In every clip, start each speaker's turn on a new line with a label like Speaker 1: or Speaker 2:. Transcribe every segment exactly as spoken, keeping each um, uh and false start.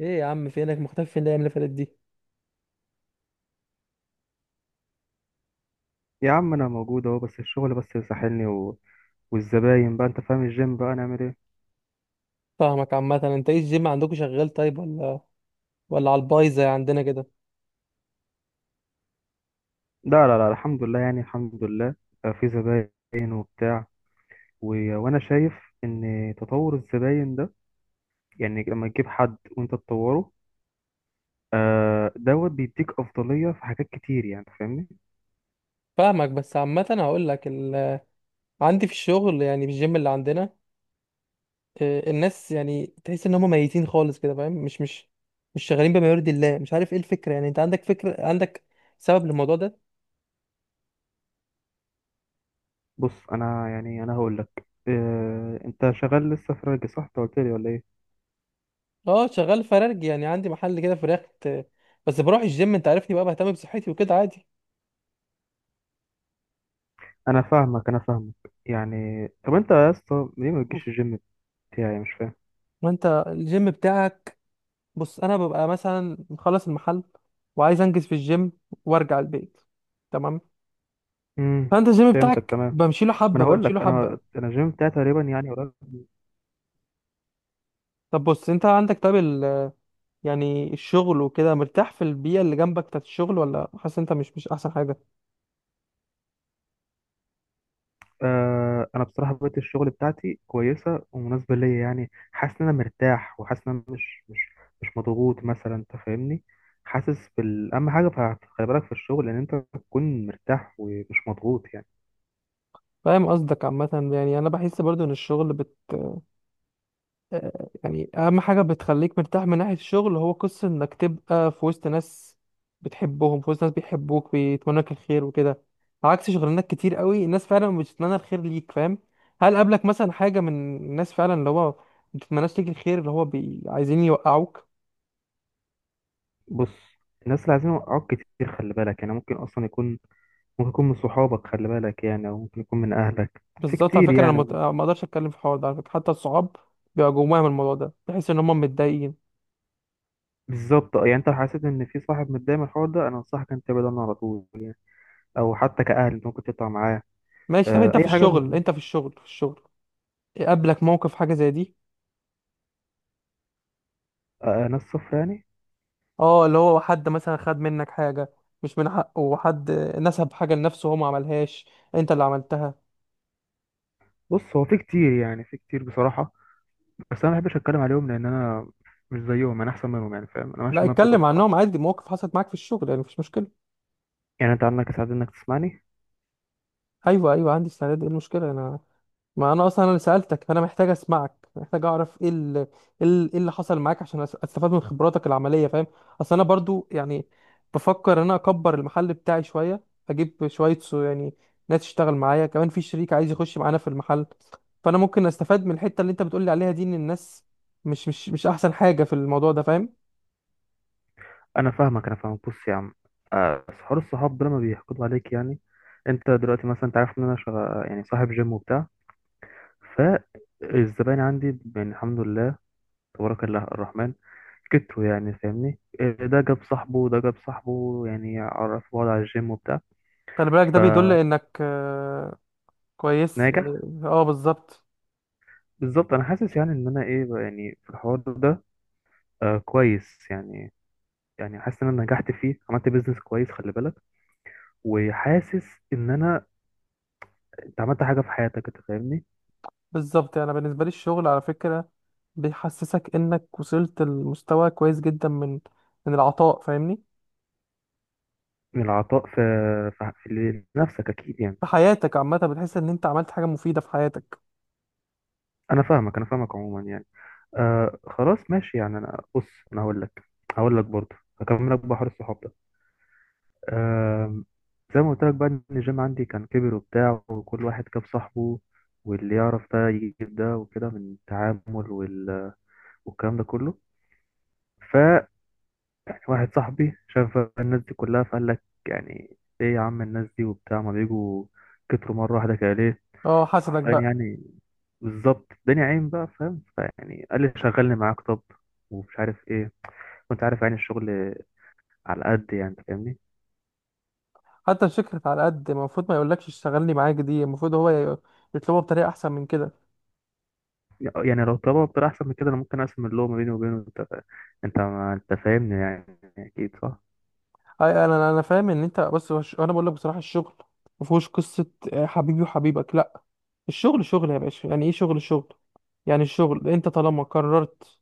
Speaker 1: ايه يا عم، فينك مختفي؟ فين الايام اللي فاتت دي؟
Speaker 2: يا عم انا موجود اهو، بس الشغل بس ساحلني و... والزباين بقى. انت فاهم الجيم بقى نعمل ايه؟
Speaker 1: فاهمك. عامه انت ايه، الجيم عندكم شغال طيب ولا ولا على البايظ زي عندنا كده؟
Speaker 2: لا لا لا، الحمد لله يعني الحمد لله. آه، في زباين وبتاع، و... وانا شايف ان تطور الزباين ده، يعني لما تجيب حد وانت تطوره، آه دوت بيديك افضلية في حاجات كتير يعني. فاهمني؟
Speaker 1: فاهمك. بس عامه هقول لك ال... عندي في الشغل، يعني في الجيم اللي عندنا آه، الناس يعني تحس ان هم ميتين خالص كده، فاهم؟ مش مش مش شغالين بما يرضي الله، مش عارف ايه الفكره. يعني انت عندك فكره، عندك سبب للموضوع ده؟
Speaker 2: بص انا، يعني انا هقول لك، آه انت شغال لسه في راجل، صح؟ انت قلت لي ولا ايه؟
Speaker 1: اه شغال فرارج، يعني عندي محل كده فراخ آه، بس بروح الجيم، انت عارفني بقى، بهتم بصحتي وكده عادي.
Speaker 2: انا فاهمك، انا فاهمك. يعني طب انت يا اسطى ليه ما بتجيش الجيم بتاعي؟ مش فاهم.
Speaker 1: ما انت الجيم بتاعك، بص انا ببقى مثلا مخلص المحل وعايز انجز في الجيم وارجع البيت، تمام؟
Speaker 2: امم.
Speaker 1: فانت الجيم
Speaker 2: فهمتك
Speaker 1: بتاعك
Speaker 2: تمام.
Speaker 1: بمشي له
Speaker 2: ما
Speaker 1: حبه
Speaker 2: انا هقول
Speaker 1: بمشي له
Speaker 2: لك،
Speaker 1: حبه.
Speaker 2: انا انا الجيم بتاعي تقريبا يعني قريب.
Speaker 1: طب بص، انت عندك طيب ال- يعني الشغل وكده مرتاح في البيئه اللي جنبك بتاعت الشغل، ولا حاسس انت مش مش احسن حاجه؟
Speaker 2: آه، انا بصراحه بقيت الشغل بتاعتي كويسه ومناسبه ليا، يعني حاسس ان انا مرتاح، وحاسس ان انا مش مش مش مضغوط مثلا. انت فاهمني؟ حاسس بال، اهم حاجه ف- خلي بالك في الشغل ان انت تكون مرتاح ومش مضغوط يعني.
Speaker 1: فاهم قصدك. عامه يعني انا بحس برضو ان الشغل آه، يعني اهم حاجه بتخليك مرتاح من ناحيه الشغل هو قصه انك تبقى في وسط ناس بتحبهم، في وسط ناس بيحبوك بيتمنوا لك الخير وكده، عكس شغلانات كتير قوي الناس فعلا مش بتتمنى الخير ليك، فاهم؟ هل قابلك مثلا حاجه من الناس فعلا، اللي هو ما بتتمناش ليك الخير، اللي هو بي... عايزين يوقعوك؟
Speaker 2: بص، الناس اللي عايزين يوقعوك كتير، خلي بالك يعني. ممكن اصلا يكون، ممكن يكون من صحابك، خلي بالك يعني، او ممكن يكون من اهلك. في
Speaker 1: بالظبط، على
Speaker 2: كتير
Speaker 1: فكره انا مت...
Speaker 2: يعني.
Speaker 1: ما اقدرش اتكلم في الحوار ده على فكره. حتى الصحاب بيبقى جواهم الموضوع ده، تحس ان هم متضايقين.
Speaker 2: بالظبط، آه، يعني انت لو حسيت ان في صاحب متضايق من الحوار ده، انا انصحك انت تبعد عنه على طول، او حتى كأهل ممكن تطلع معاه.
Speaker 1: ماشي، طب
Speaker 2: آه،
Speaker 1: انت في
Speaker 2: اي حاجه
Speaker 1: الشغل،
Speaker 2: من،
Speaker 1: انت في الشغل في الشغل قابلك موقف حاجه زي دي؟
Speaker 2: آه، آه، ناس صف يعني.
Speaker 1: اه، اللي هو حد مثلا خد منك حاجة مش من حقه، وحد نسب حاجة لنفسه هو ما عملهاش، انت اللي عملتها.
Speaker 2: بص، هو في كتير يعني في كتير بصراحه. بس انا ما بحبش اتكلم عليهم، لان انا مش زيهم، انا احسن منهم يعني. فاهم؟ انا ماشي
Speaker 1: لا
Speaker 2: بمبدأ ده
Speaker 1: اتكلم
Speaker 2: بصراحه.
Speaker 1: عنهم عادي، مواقف حصلت معاك في الشغل، يعني مفيش مشكلة.
Speaker 2: يعني انت عندك سعاده انك تسمعني.
Speaker 1: ايوه، ايوه، عندي استعداد. ايه المشكلة؟ انا ما انا اصلا انا اللي سالتك، فانا محتاج اسمعك، محتاج اعرف ايه ال- ايه ال- إيه اللي حصل معاك عشان أس- استفاد من خبراتك العمليه، فاهم؟ اصل انا برضو يعني بفكر ان انا اكبر المحل بتاعي شويه، اجيب شويه سو يعني، ناس تشتغل معايا، كمان في شريك عايز يخش معانا في المحل، فانا ممكن استفاد من الحته اللي انت بتقولي عليها دي ان الناس مش مش مش احسن حاجه في الموضوع ده، فاهم؟
Speaker 2: انا فاهمك، انا فاهمك. بص يا عم، آه، بس حوار الصحاب ده لما بيحقدوا عليك، يعني انت دلوقتي مثلا انت عارف ان انا شغ... يعني صاحب جيم وبتاع، فالزباين عندي يعني الحمد لله، تبارك الله الرحمن، كتروا يعني. فاهمني؟ آه، ده جاب صاحبه وده جاب صاحبه، يعني عرفوا بعض على الجيم وبتاع،
Speaker 1: خلي بالك، ده بيدل انك آه، كويس
Speaker 2: فناجح.
Speaker 1: يعني، اه بالظبط.
Speaker 2: بالظبط، انا حاسس يعني ان انا ايه بقى يعني في الحوار ده، آه كويس يعني. يعني حاسس ان انا نجحت فيه، عملت بيزنس كويس، خلي بالك. وحاسس ان انا، انت عملت حاجه في حياتك. انت فاهمني؟
Speaker 1: بالظبط، يعني أنا بالنسبة لي الشغل على فكرة بيحسسك انك وصلت لمستوى كويس جدا من من العطاء، فاهمني؟
Speaker 2: من العطاء، في في في لنفسك اكيد يعني.
Speaker 1: في حياتك عامة بتحس ان انت عملت حاجة مفيدة في حياتك.
Speaker 2: انا فاهمك، انا فاهمك. عموما يعني، آه خلاص ماشي يعني. انا، بص، انا هقول لك هقول لك برضه. هكمل لك بحر الصحاب. آم. زي ما قلت لك بقى، ان الجيم عندي كان كبر وبتاع، وكل واحد كاب صاحبه، واللي يعرف ده يجيب ده، وكده من التعامل وال... والكلام ده كله. ف يعني واحد صاحبي شاف الناس دي كلها، فقال لك يعني ايه يا عم الناس دي وبتاع، ما بيجوا، كتروا مره واحده كده ليه؟
Speaker 1: اه حسدك
Speaker 2: حرفيا
Speaker 1: بقى.
Speaker 2: يعني. بالظبط، الدنيا عين بقى. فاهم؟ فيعني قال لي شغلني معاك، طب، ومش عارف ايه. وانت عارف يعني الشغل على قد، يعني انت فاهمني.
Speaker 1: حتى الشركة على قد ما، المفروض ما يقولكش اشتغلني معاك دي، المفروض هو ي- يطلبها بطريقة احسن من كده.
Speaker 2: يعني لو طلبها بطريقة أحسن من كده، أنا ممكن أقسم اللوم ما بيني وبينه. أنت فا- أنت ما- أنت فاهمني يعني. أكيد صح.
Speaker 1: أي- انا انا فاهم ان انت، بص هو الش- انا بقول لك بصراحة الشغل مفهوش قصة آه، حبيبي وحبيبك، لا. الشغل شغل يا باشا، يعني ايه شغل، شغل. يعني الشغل انت طالما قررت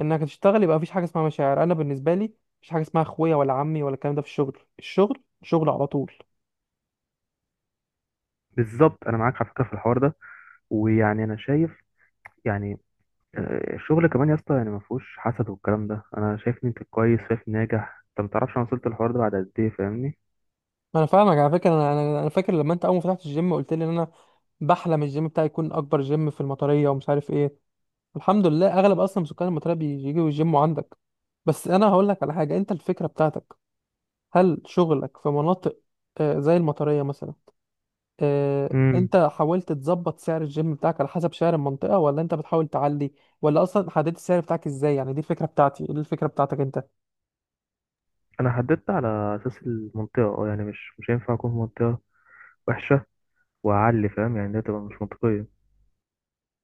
Speaker 1: انك تشتغل، يبقى مفيش حاجه اسمها مشاعر. انا بالنسبه لي مفيش حاجه اسمها اخويا ولا عمي ولا الكلام ده في الشغل، الشغل شغل على طول.
Speaker 2: بالظبط أنا معاك على فكرة في الحوار ده. ويعني أنا شايف يعني، آه، الشغل كمان يا اسطى يعني ما فيهوش حسد والكلام ده. أنا شايف إن أنت كويس، شايف ناجح. أنت ما تعرفش أنا وصلت للحوار ده بعد قد إيه. فاهمني؟
Speaker 1: انا فاهمك، على فكره انا انا أنا فاكر لما انت اول ما فتحت الجيم قلت لي ان انا بحلم الجيم بتاعي يكون اكبر جيم في المطريه ومش عارف ايه. الحمد لله، اغلب اصلا سكان المطريه بيجوا يجيموا عندك. بس انا هقول لك على حاجه، انت الفكره بتاعتك، هل شغلك في مناطق آه، زي المطريه مثلا؟ آه،
Speaker 2: امم.
Speaker 1: انت حاولت تظبط سعر الجيم بتاعك على حسب سعر المنطقة، ولا انت بتحاول تعلي؟ ولا اصلا حددت السعر بتاعك ازاي يعني؟ دي الفكرة بتاعتي، دي الفكرة بتاعتك انت.
Speaker 2: أنا حددت على أساس المنطقة. أه يعني مش مش هينفع أكون في منطقة وحشة وأعلي. فاهم يعني؟ ده تبقى مش منطقية.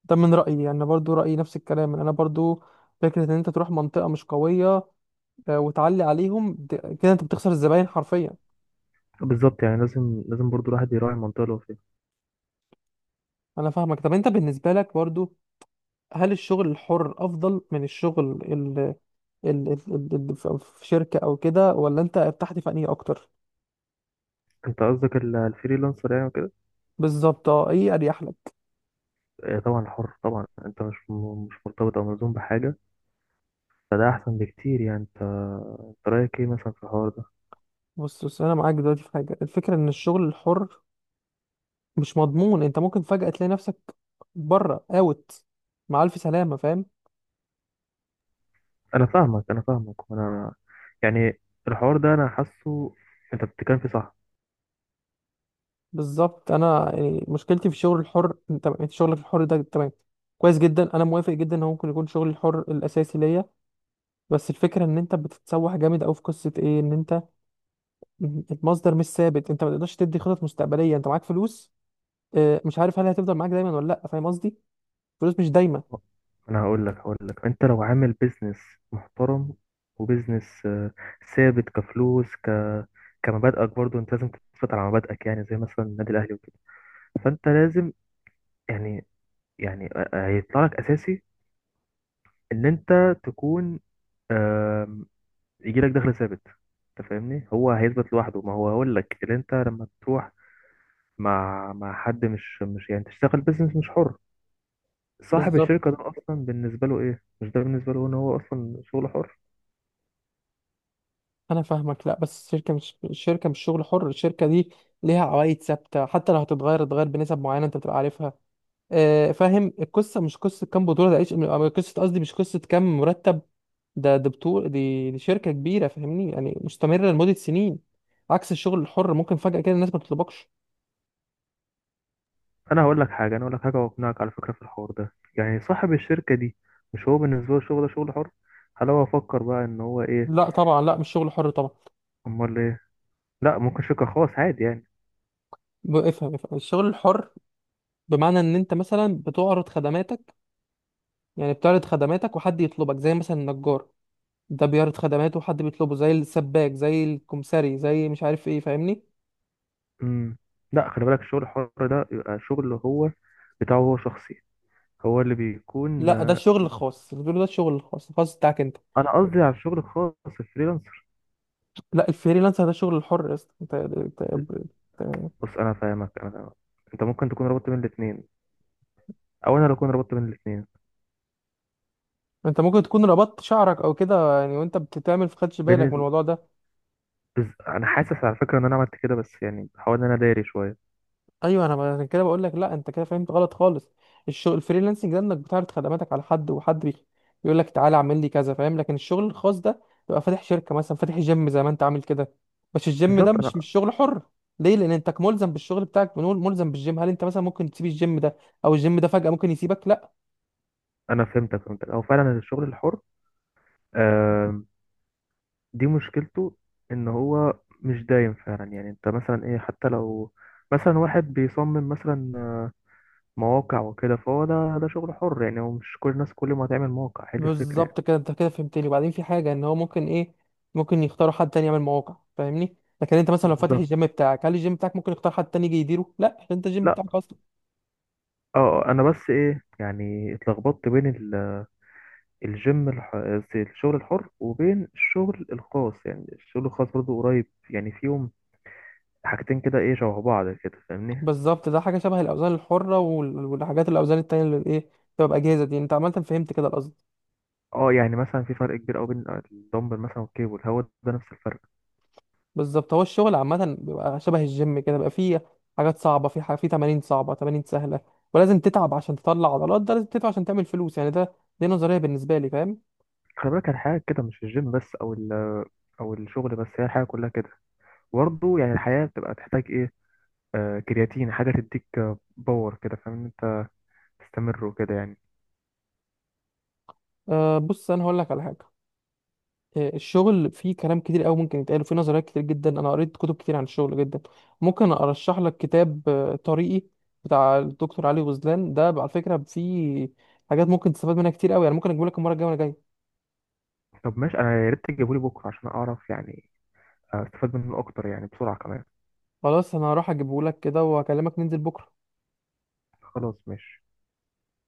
Speaker 1: ده من رأيي، يعني برضو رأيي نفس الكلام. انا برضو فكرة ان انت تروح منطقة مش قوية آه، وتعلي عليهم د- كده انت بتخسر الزباين حرفيا.
Speaker 2: بالظبط، يعني لازم لازم برضو الواحد يراعي المنطقة اللي هو فيها.
Speaker 1: انا فاهمك. طب انت بالنسبة لك برضو، هل الشغل الحر افضل من الشغل ال ال ال ال ال- في شركة او كده، ولا انت ارتحت في انهي اكتر؟
Speaker 2: أنت قصدك ال- الفريلانسر يعني وكده؟
Speaker 1: بالظبط. اه، ايه اريح لك؟
Speaker 2: آه، طبعا حر طبعا. انت مش م- مش مرتبط او ملزوم بحاجه، فده احسن بكتير يعني. انت انت رايك ايه مثلا في الحوار ده؟
Speaker 1: بص، بص انا معاك دلوقتي في حاجه. الفكره ان الشغل الحر مش مضمون، انت ممكن فجاه تلاقي نفسك بره، اوت، مع الف سلامه، فاهم؟
Speaker 2: انا فاهمك، انا فاهمك. وانا يعني الحوار ده انا حاسه انت بتتكلم فيه صح.
Speaker 1: بالظبط. انا يعني مشكلتي في الشغل الحر، انت انت شغلك الحر ده تمام، كويس جدا، انا موافق جدا ان هو ممكن يكون شغل الحر الاساسي ليا، بس الفكره ان انت بتتسوح جامد قوي في قصه ايه، ان انت المصدر مش ثابت، انت ما تقدرش تدي خطط مستقبليه. انت معاك فلوس آه، مش عارف هل هتفضل معاك دايما ولا لا، فاهم قصدي؟ فلوس مش دايما.
Speaker 2: انا هقول لك هقول لك انت لو عامل بيزنس محترم، وبيزنس آه، ثابت، كفلوس، ك كمبادئك برضو، انت لازم تثبت على مبادئك، يعني زي مثلا النادي الاهلي وكده. فانت لازم يعني يعني آه، آه، هيطلع لك اساسي ان انت تكون يجي لك دخل ثابت. انت فاهمني؟ هو هيثبت لوحده، ما هو هقول لك اللي انت لما تروح مع مع حد، مش مش يعني تشتغل بيزنس مش حر. صاحب
Speaker 1: بالظبط،
Speaker 2: الشركه ده اصلا بالنسبه له ايه، مش ده بالنسبه له ان هو اصلا شغل حر.
Speaker 1: انا فاهمك. لا، بس الشركه مش الشركه مش شغل حر، الشركه دي ليها عوايد ثابته، حتى لو هتتغير تتغير بنسب معينه انت بتبقى عارفها. آه، فاهم القصه. مش قصه كام بطوله ده، إيش- آه، قصه، قصدي مش قصه كام مرتب ده، ده بطوله دي, دي شركه كبيره فاهمني، يعني مستمره لمده سنين، عكس الشغل الحر ممكن فجاه كده الناس ما تطلبكش.
Speaker 2: انا هقول لك حاجه، انا هقول لك حاجه واقنعك على فكره في الحوار ده. يعني صاحب الشركه دي مش هو بالنسبه له الشغل ده شغل حر. هل هو فكر بقى ان هو ايه؟
Speaker 1: لا طبعا، لا مش شغل حر طبعا.
Speaker 2: امال ايه؟ لا ممكن شركه خاص عادي يعني.
Speaker 1: ب- افهم افهم الشغل الحر بمعنى ان انت مثلا بتعرض خدماتك. يعني بتعرض خدماتك وحد يطلبك، زي مثلا النجار ده بيعرض خدماته حد بيطلبه، زي السباك، زي الكمساري، زي مش عارف ايه، فاهمني؟
Speaker 2: امم. لا، خلي بالك، الشغل الحر ده يبقى شغل هو بتاعه، هو شخصي، هو اللي بيكون.
Speaker 1: لا، ده الشغل الخاص اللي بيقولوا، ده الشغل الخاص الخاص بتاعك انت.
Speaker 2: انا قصدي على الشغل الخاص، الفريلانسر.
Speaker 1: لا، الفريلانسر ده الشغل الحر يا اسطى انت انت انت
Speaker 2: بص انا فاهمك، انا فاهمك. انت ممكن تكون ربطت بين الاثنين، او انا اللي اكون ربطت بين الاثنين.
Speaker 1: انت ممكن تكون ربطت شعرك او كده يعني، وانت بتتعمل في، خدش
Speaker 2: بين
Speaker 1: بالك من
Speaker 2: ال...
Speaker 1: الموضوع ده.
Speaker 2: بز... انا حاسس على فكره ان انا عملت كده، بس يعني بحاول ان انا داري شويه.
Speaker 1: ايوه، انا عشان كده بقول لك لا، انت كده فهمت غلط خالص. الشغل الفريلانسنج ده انك بتعرض خدماتك على حد، وحد بي- بيقول لك تعالى اعمل لي كذا، فاهم؟ لكن الشغل الخاص ده تبقى فاتح شركه مثلا، فاتح جيم زي ما انت عامل كده، بس الجيم ده
Speaker 2: بالظبط، انا
Speaker 1: مش مش شغل حر. ليه؟ لان انت ملزم بالشغل بتاعك، بنقول ملزم بالجيم. هل انت مثلا ممكن تسيب الجيم ده، او الجيم ده فجاه ممكن يسيبك؟ لا.
Speaker 2: انا فهمتك فهمتك. او فعلا الشغل الحر، آم، دي مشكلته، ان هو مش دايم فعلا. يعني انت مثلا ايه حتى لو مثلا واحد بيصمم مثلا مواقع وكده، فهو ده، ده شغل حر يعني. هو مش كل الناس كل ما هتعمل موقع هي دي الفكره يعني.
Speaker 1: بالظبط كده، انت كده فهمتني. وبعدين في حاجه، ان هو ممكن ايه، ممكن يختاروا حد تاني يعمل مواقع، فاهمني؟ لكن انت مثلا لو فاتح
Speaker 2: بالظبط.
Speaker 1: الجيم بتاعك، هل الجيم بتاعك ممكن يختار حد تاني يجي يديره؟ لا، عشان انت الجيم
Speaker 2: لا
Speaker 1: بتاعك اصلا.
Speaker 2: اه، انا بس ايه يعني اتلخبطت بين ال- الجيم الح... الشغل الحر وبين الشغل الخاص. يعني الشغل الخاص برضه قريب، يعني فيهم حاجتين كده ايه، شبه بعض كده فاهمني.
Speaker 1: بالظبط، ده حاجه شبه الاوزان الحره وال- والحاجات الاوزان التانية اللي ايه، بتبقى باجهزه دي، انت عملت فهمت كده القصد.
Speaker 2: اه يعني مثلا في فرق كبير قوي بين الدمبل مثلا والكيبل. هو ده نفس الفرق.
Speaker 1: بالظبط. هو الشغل عامه بيبقى شبه الجيم كده، بيبقى فيه حاجات صعبه، في حاجة، في تمارين صعبه، تمارين سهله، ولازم تتعب عشان تطلع عضلات، ده لازم تتعب عشان تعمل فلوس، يعني ده دي نظريه بالنسبه لي، فاهم؟
Speaker 2: خلي بالك الحياة كده مش الجيم بس او ال... او الشغل بس. هي الحياة كلها كده برضه يعني. الحياة بتبقى تحتاج ايه؟ آه كرياتين، حاجة تديك آه، باور كده. فاهم إن انت تستمر وكده يعني.
Speaker 1: أه، بص انا هقول لك على حاجه آه، الشغل فيه كلام كتير قوي ممكن يتقال، وفيه نظريات كتير جدا. انا قريت كتب كتير عن الشغل جدا، ممكن ارشح لك كتاب آه، طريقي بتاع الدكتور علي غزلان. ده على فكره فيه حاجات ممكن تستفاد منها كتير قوي يعني، ممكن اجيبه لك المره الجايه وانا جاي.
Speaker 2: طب ماشي، انا يا ريت تجيبولي بكره عشان اعرف، يعني استفاد منه اكتر يعني بسرعه كمان.
Speaker 1: خلاص، انا هروح اجيبه لك كده، وهكلمك ننزل بكره.
Speaker 2: خلاص ماشي.